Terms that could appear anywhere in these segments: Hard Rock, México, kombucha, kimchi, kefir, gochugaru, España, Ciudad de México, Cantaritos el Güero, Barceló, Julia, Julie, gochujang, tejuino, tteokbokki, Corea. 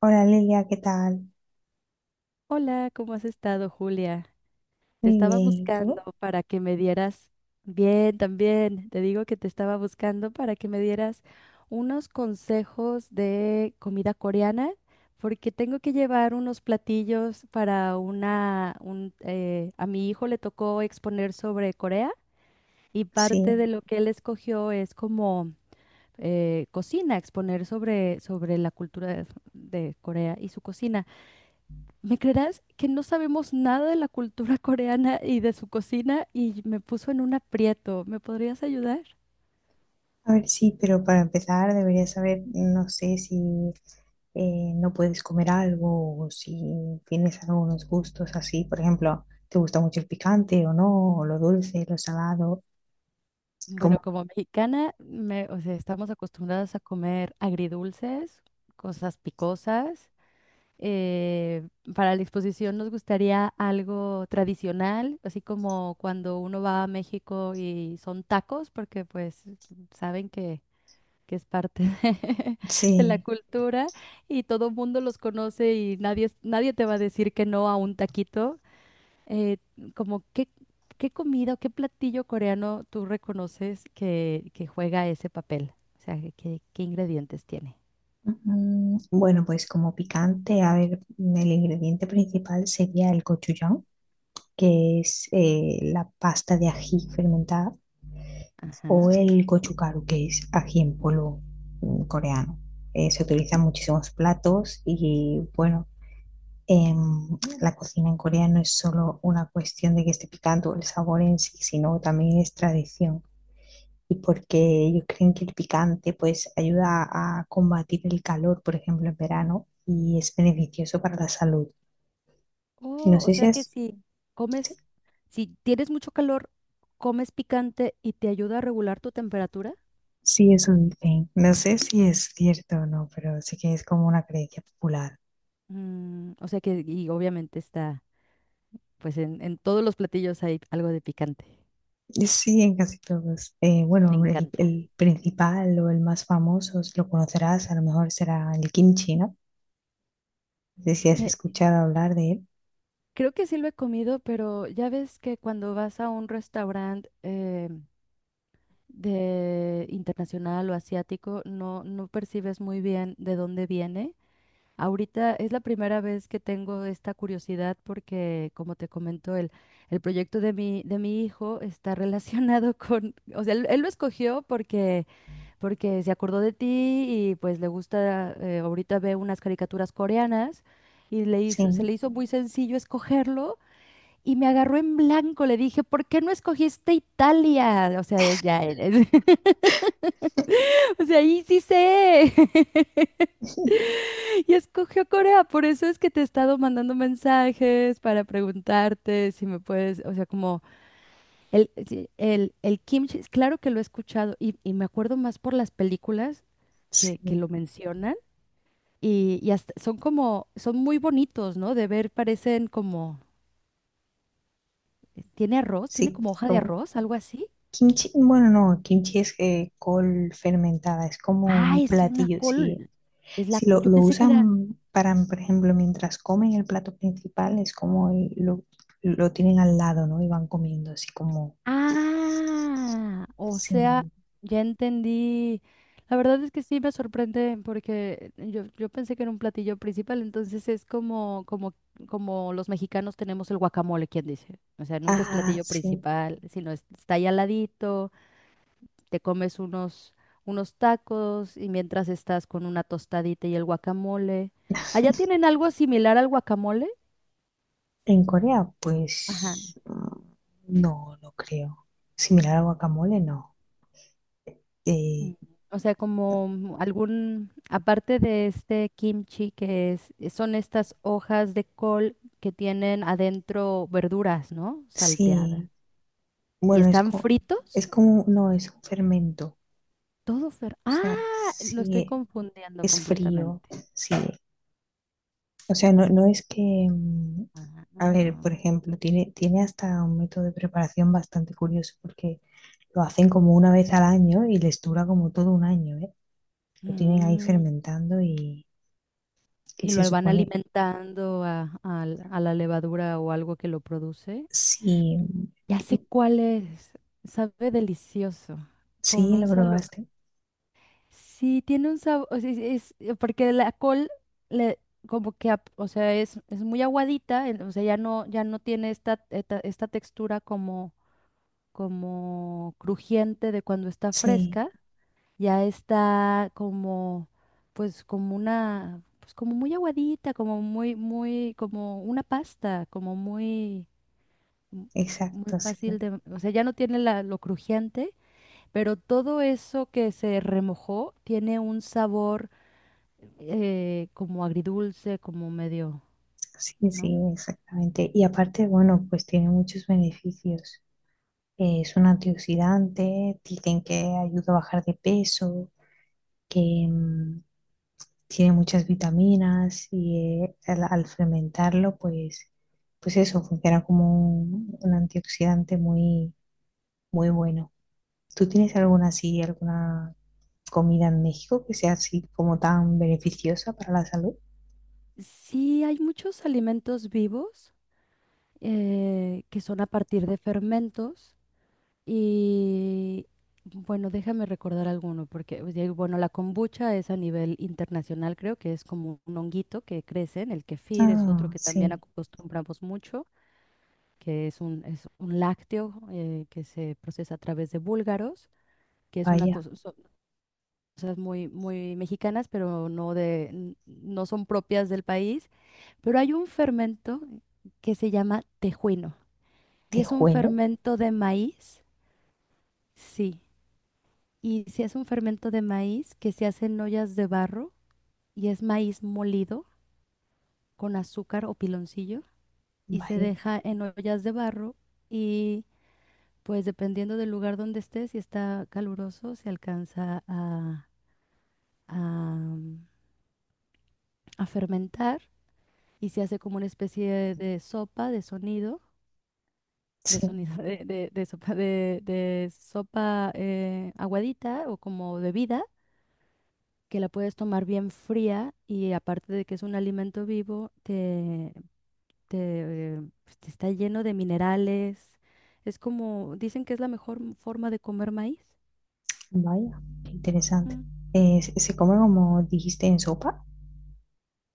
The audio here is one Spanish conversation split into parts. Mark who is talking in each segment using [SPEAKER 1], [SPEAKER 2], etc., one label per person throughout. [SPEAKER 1] Hola Lilia, ¿qué tal?
[SPEAKER 2] Hola, ¿cómo has estado, Julia? Te
[SPEAKER 1] Muy bien,
[SPEAKER 2] estaba
[SPEAKER 1] ¿y
[SPEAKER 2] buscando
[SPEAKER 1] tú?
[SPEAKER 2] para que me dieras, bien, también, te digo que te estaba buscando para que me dieras unos consejos de comida coreana, porque tengo que llevar unos platillos para una, un, a mi hijo le tocó exponer sobre Corea y
[SPEAKER 1] Sí.
[SPEAKER 2] parte de lo que él escogió es como cocina, exponer sobre, sobre la cultura de Corea y su cocina. ¿Me creerás que no sabemos nada de la cultura coreana y de su cocina y me puso en un aprieto? ¿Me podrías ayudar?
[SPEAKER 1] A ver, sí, pero para empezar deberías saber, no sé si no puedes comer algo o si tienes algunos gustos así. Por ejemplo, ¿te gusta mucho el picante o no? O lo dulce, lo salado.
[SPEAKER 2] Bueno,
[SPEAKER 1] ¿Cómo?
[SPEAKER 2] como mexicana, o sea, estamos acostumbradas a comer agridulces, cosas picosas. Eh, para la exposición nos gustaría algo tradicional, así como cuando uno va a México y son tacos, porque pues saben que es parte de, de la
[SPEAKER 1] Sí.
[SPEAKER 2] cultura y todo el mundo los conoce y nadie, nadie te va a decir que no a un taquito. Eh, Como, ¿qué, qué comida o qué platillo coreano tú reconoces que juega ese papel? O sea, ¿qué, qué ingredientes tiene?
[SPEAKER 1] Bueno, pues como picante, a ver, el ingrediente principal sería el gochujang, que es la pasta de ají fermentada. O
[SPEAKER 2] Ajá.
[SPEAKER 1] el gochugaru, que es ají en polvo coreano. Se utilizan muchísimos platos y bueno, la cocina en Corea no es solo una cuestión de que esté picante o el sabor en sí, sino también es tradición. Y porque ellos creen que el picante pues ayuda a combatir el calor, por ejemplo, en verano, y es beneficioso para la salud. No
[SPEAKER 2] Oh, o
[SPEAKER 1] sé si
[SPEAKER 2] sea
[SPEAKER 1] es,
[SPEAKER 2] que si comes, si tienes mucho calor, comes picante y te ayuda a regular tu temperatura.
[SPEAKER 1] si es un thing, no sé si es cierto o no, pero sí que es como una creencia popular.
[SPEAKER 2] Mm, o sea que, y obviamente está, pues en todos los platillos hay algo de picante.
[SPEAKER 1] Sí, en casi todos.
[SPEAKER 2] Me
[SPEAKER 1] Bueno, el,
[SPEAKER 2] encanta.
[SPEAKER 1] el principal o el más famoso, si lo conocerás, a lo mejor será el kimchi, ¿no? No sé si has
[SPEAKER 2] Eh,
[SPEAKER 1] escuchado hablar de él.
[SPEAKER 2] Creo que sí lo he comido, pero ya ves que cuando vas a un restaurante de internacional o asiático, no, no percibes muy bien de dónde viene. Ahorita es la primera vez que tengo esta curiosidad porque, como te comento, el proyecto de mi hijo está relacionado con, o sea, él lo escogió porque porque se acordó de ti y pues le gusta, ahorita ve unas caricaturas coreanas y le
[SPEAKER 1] Sí,
[SPEAKER 2] hizo, se le hizo muy sencillo escogerlo y me agarró en blanco, le dije, ¿por qué no escogiste Italia? O sea, ya eres, o sea, ahí sí sé. Y escogió Corea, por eso es que te he estado mandando mensajes para preguntarte si me puedes, o sea, como el, sí, el kimchi, claro que lo he escuchado y me acuerdo más por las películas que
[SPEAKER 1] sí,
[SPEAKER 2] lo mencionan. Son como, son muy bonitos, ¿no? De ver, parecen como, ¿tiene arroz? ¿Tiene
[SPEAKER 1] sí,
[SPEAKER 2] como hoja de
[SPEAKER 1] como
[SPEAKER 2] arroz? ¿Algo así?
[SPEAKER 1] kimchi. Bueno, no, kimchi es col fermentada, es como
[SPEAKER 2] Ah,
[SPEAKER 1] un
[SPEAKER 2] es una
[SPEAKER 1] platillo. Si,
[SPEAKER 2] col.
[SPEAKER 1] si
[SPEAKER 2] Yo
[SPEAKER 1] lo
[SPEAKER 2] pensé que era.
[SPEAKER 1] usan para, por ejemplo, mientras comen el plato principal, es como lo tienen al lado, ¿no? Y van comiendo así como...
[SPEAKER 2] Ah, o sea,
[SPEAKER 1] Sí.
[SPEAKER 2] ya entendí. La verdad es que sí me sorprende porque yo pensé que era un platillo principal, entonces es como, como, como los mexicanos tenemos el guacamole, ¿quién dice? O sea, nunca es
[SPEAKER 1] Ah,
[SPEAKER 2] platillo
[SPEAKER 1] sí.
[SPEAKER 2] principal, está ahí al ladito. Te comes unos, unos tacos y mientras estás con una tostadita y el guacamole. ¿Allá tienen algo similar al guacamole?
[SPEAKER 1] En Corea,
[SPEAKER 2] Ajá.
[SPEAKER 1] pues no, no creo. Similar al guacamole, no.
[SPEAKER 2] Mm.
[SPEAKER 1] Eh,
[SPEAKER 2] O sea, como algún, aparte de este kimchi que es, son estas hojas de col que tienen adentro verduras, ¿no? Salteadas.
[SPEAKER 1] sí,
[SPEAKER 2] ¿Y
[SPEAKER 1] bueno,
[SPEAKER 2] están fritos?
[SPEAKER 1] no, es un fermento.
[SPEAKER 2] Todo fer...
[SPEAKER 1] O sea,
[SPEAKER 2] Ah, lo estoy
[SPEAKER 1] sí
[SPEAKER 2] confundiendo
[SPEAKER 1] es frío,
[SPEAKER 2] completamente.
[SPEAKER 1] sí. O sea, no, no es que, mm, a ver,
[SPEAKER 2] Ah,
[SPEAKER 1] por ejemplo, tiene hasta un método de preparación bastante curioso porque lo hacen como una vez al año y les dura como todo un año, ¿eh? Lo tienen ahí
[SPEAKER 2] mm.
[SPEAKER 1] fermentando y
[SPEAKER 2] Y
[SPEAKER 1] se
[SPEAKER 2] lo van
[SPEAKER 1] supone,
[SPEAKER 2] alimentando a la levadura o algo que lo produce.
[SPEAKER 1] sí.
[SPEAKER 2] Ya sé cuál es. Sabe delicioso. Con
[SPEAKER 1] Sí, lo
[SPEAKER 2] un sabor.
[SPEAKER 1] probaste.
[SPEAKER 2] Sí, tiene un sabor. Porque la col le como que o sea, es muy aguadita, o sea, ya no, ya no tiene esta, esta, esta textura como, como crujiente de cuando está
[SPEAKER 1] Sí,
[SPEAKER 2] fresca, ya está como, pues como una, pues como muy aguadita, como muy, muy, como una pasta, como muy, mm, muy
[SPEAKER 1] exacto,
[SPEAKER 2] fácil
[SPEAKER 1] sí.
[SPEAKER 2] de, o sea, ya no tiene la- lo crujiente, pero todo eso que se remojó tiene un sabor como agridulce, como medio,
[SPEAKER 1] Sí,
[SPEAKER 2] ¿no?
[SPEAKER 1] sí, exactamente. Y aparte, bueno, pues tiene muchos beneficios. Es un antioxidante, dicen que ayuda a bajar de peso, que tiene muchas vitaminas y al fermentarlo, pues, pues eso, funciona como un antioxidante muy, muy bueno. ¿Tú tienes alguna así, alguna comida en México que sea así como tan beneficiosa para la salud?
[SPEAKER 2] Sí, hay muchos alimentos vivos que son a partir de fermentos. Y bueno, déjame recordar alguno, porque pues, bueno, la kombucha es a nivel internacional, creo que es como un honguito que crece, en el kefir es otro
[SPEAKER 1] Ah,
[SPEAKER 2] que también
[SPEAKER 1] sí,
[SPEAKER 2] acostumbramos mucho, que es un lácteo que se procesa a través de búlgaros, que es una
[SPEAKER 1] vaya,
[SPEAKER 2] cosa, son cosas muy, muy mexicanas, pero no de, no son propias del país. Pero hay un fermento que se llama tejuino, y es un
[SPEAKER 1] tejuelo,
[SPEAKER 2] fermento de maíz, sí. Y si es un fermento de maíz que se hace en ollas de barro y es maíz molido con azúcar o piloncillo y se
[SPEAKER 1] vaya,
[SPEAKER 2] deja en ollas de barro y pues dependiendo del lugar donde esté, si está caluroso, se alcanza a, a fermentar y se hace como una especie de sopa de
[SPEAKER 1] sí,
[SPEAKER 2] sonido de, de sopa aguadita o como bebida que la puedes tomar bien fría y aparte de que es un alimento vivo, te, pues, te está lleno de minerales. Es como, dicen que es la mejor forma de comer maíz.
[SPEAKER 1] vaya, qué interesante.
[SPEAKER 2] Ujú.
[SPEAKER 1] Se come como dijiste en sopa?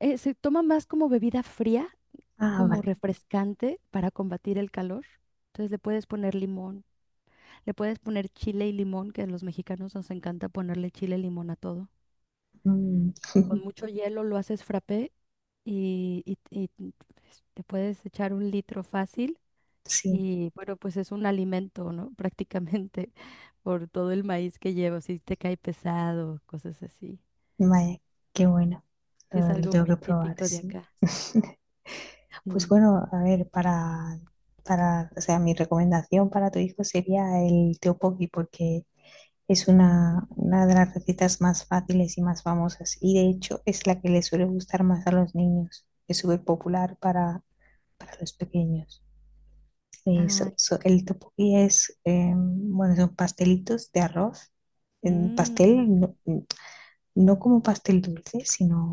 [SPEAKER 2] Se toma más como bebida fría,
[SPEAKER 1] Ah,
[SPEAKER 2] como
[SPEAKER 1] vale.
[SPEAKER 2] refrescante para combatir el calor. Entonces le puedes poner limón, le puedes poner chile y limón, que a los mexicanos nos encanta ponerle chile y limón a todo.
[SPEAKER 1] Mm,
[SPEAKER 2] Con mucho hielo lo haces frappé y, y, pues, te puedes echar un litro fácil.
[SPEAKER 1] sí,
[SPEAKER 2] Y bueno, pues es un alimento, ¿no? Prácticamente por todo el maíz que lleva, si te cae pesado, cosas así.
[SPEAKER 1] vaya, qué bueno.
[SPEAKER 2] Y es
[SPEAKER 1] Lo
[SPEAKER 2] algo
[SPEAKER 1] tengo
[SPEAKER 2] muy
[SPEAKER 1] que probar,
[SPEAKER 2] típico de
[SPEAKER 1] sí.
[SPEAKER 2] acá.
[SPEAKER 1] Pues
[SPEAKER 2] Sí.
[SPEAKER 1] bueno, a ver, o sea, mi recomendación para tu hijo sería el tteokbokki porque es una de las recetas más fáciles y más famosas y de hecho es la que le suele gustar más a los niños. Es súper popular para los pequeños. Sí,
[SPEAKER 2] Ay,
[SPEAKER 1] el tteokbokki es, bueno, son pastelitos de arroz. En
[SPEAKER 2] mm,
[SPEAKER 1] pastel, no, no como pastel dulce,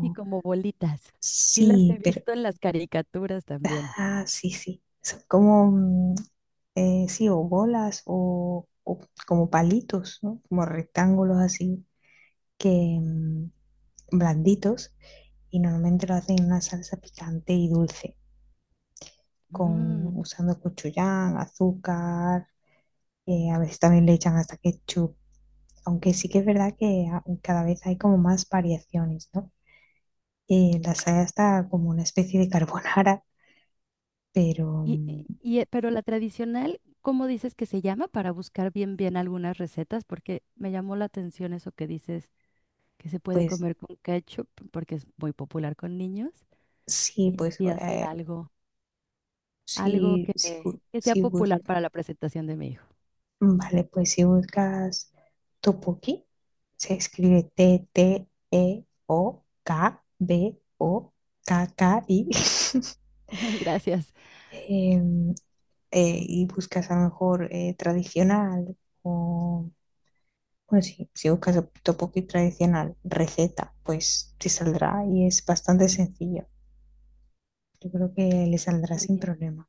[SPEAKER 2] y como bolitas. Sí las he
[SPEAKER 1] sí, pero,
[SPEAKER 2] visto en las caricaturas también.
[SPEAKER 1] ah, sí, sí. Son como, sí, o bolas o como palitos, ¿no? Como rectángulos así, que, blanditos. Y normalmente lo hacen en una salsa picante y dulce,
[SPEAKER 2] Mm,
[SPEAKER 1] con, usando cochuyán, azúcar a veces también le echan hasta ketchup, aunque sí que es verdad que cada vez hay como más variaciones, ¿no? La saya está como una especie de carbonara, pero
[SPEAKER 2] y, y, pero la tradicional, ¿cómo dices que se llama? Para buscar bien, bien algunas recetas, porque me llamó la atención eso que dices que se puede
[SPEAKER 1] pues
[SPEAKER 2] comer con ketchup, porque es muy popular con niños,
[SPEAKER 1] sí,
[SPEAKER 2] y así hacer algo. Algo
[SPEAKER 1] sí, sí,
[SPEAKER 2] que sea popular para la presentación de mi hijo.
[SPEAKER 1] vale, pues si buscas topoki, se escribe TTEOKBOKKI.
[SPEAKER 2] Gracias.
[SPEAKER 1] em, y buscas a lo mejor tradicional o pues sí, si buscas tteokbokki tradicional, receta, pues te saldrá y es bastante sencillo. Yo creo que le saldrá
[SPEAKER 2] Muy
[SPEAKER 1] sin
[SPEAKER 2] bien.
[SPEAKER 1] problema.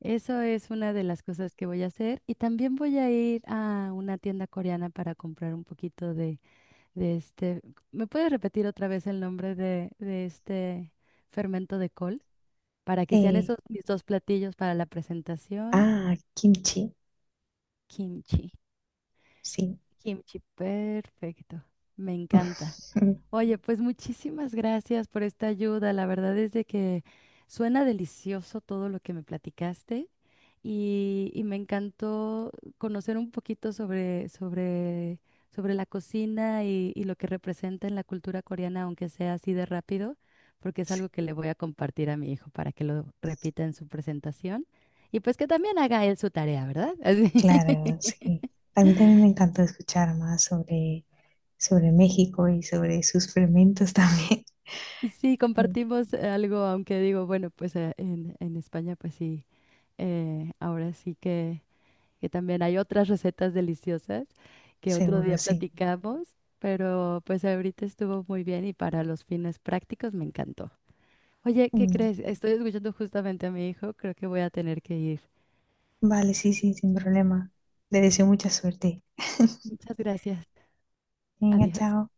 [SPEAKER 2] Eso es una de las cosas que voy a hacer. Y también voy a ir a una tienda coreana para comprar un poquito de este. ¿Me puedes repetir otra vez el nombre de este fermento de col? Para que sean
[SPEAKER 1] Eh,
[SPEAKER 2] esos mis dos platillos para la presentación.
[SPEAKER 1] ah, kimchi,
[SPEAKER 2] Kimchi.
[SPEAKER 1] sí.
[SPEAKER 2] Kimchi, perfecto. Me encanta. Oye, pues muchísimas gracias por esta ayuda. La verdad es de que suena delicioso todo lo que me platicaste y me encantó conocer un poquito sobre, sobre, sobre la cocina y lo que representa en la cultura coreana, aunque sea así de rápido, porque es algo que le voy a compartir a mi hijo para que lo repita en su presentación y pues que también haga él su tarea, ¿verdad? Así.
[SPEAKER 1] Claro, sí. A mí también me encantó escuchar más sobre, sobre México y sobre sus fermentos también.
[SPEAKER 2] Sí,
[SPEAKER 1] Mm,
[SPEAKER 2] compartimos algo, aunque digo, bueno, pues en España, pues sí, ahora sí que también hay otras recetas deliciosas que otro día
[SPEAKER 1] seguro, sí.
[SPEAKER 2] platicamos, pero pues ahorita estuvo muy bien y para los fines prácticos me encantó. Oye, ¿qué
[SPEAKER 1] Mm,
[SPEAKER 2] crees? Estoy escuchando justamente a mi hijo, creo que voy a tener que ir.
[SPEAKER 1] vale, sí, sí, sin problema. Te deseo mucha suerte.
[SPEAKER 2] Muchas gracias.
[SPEAKER 1] Venga,
[SPEAKER 2] Adiós.
[SPEAKER 1] chao.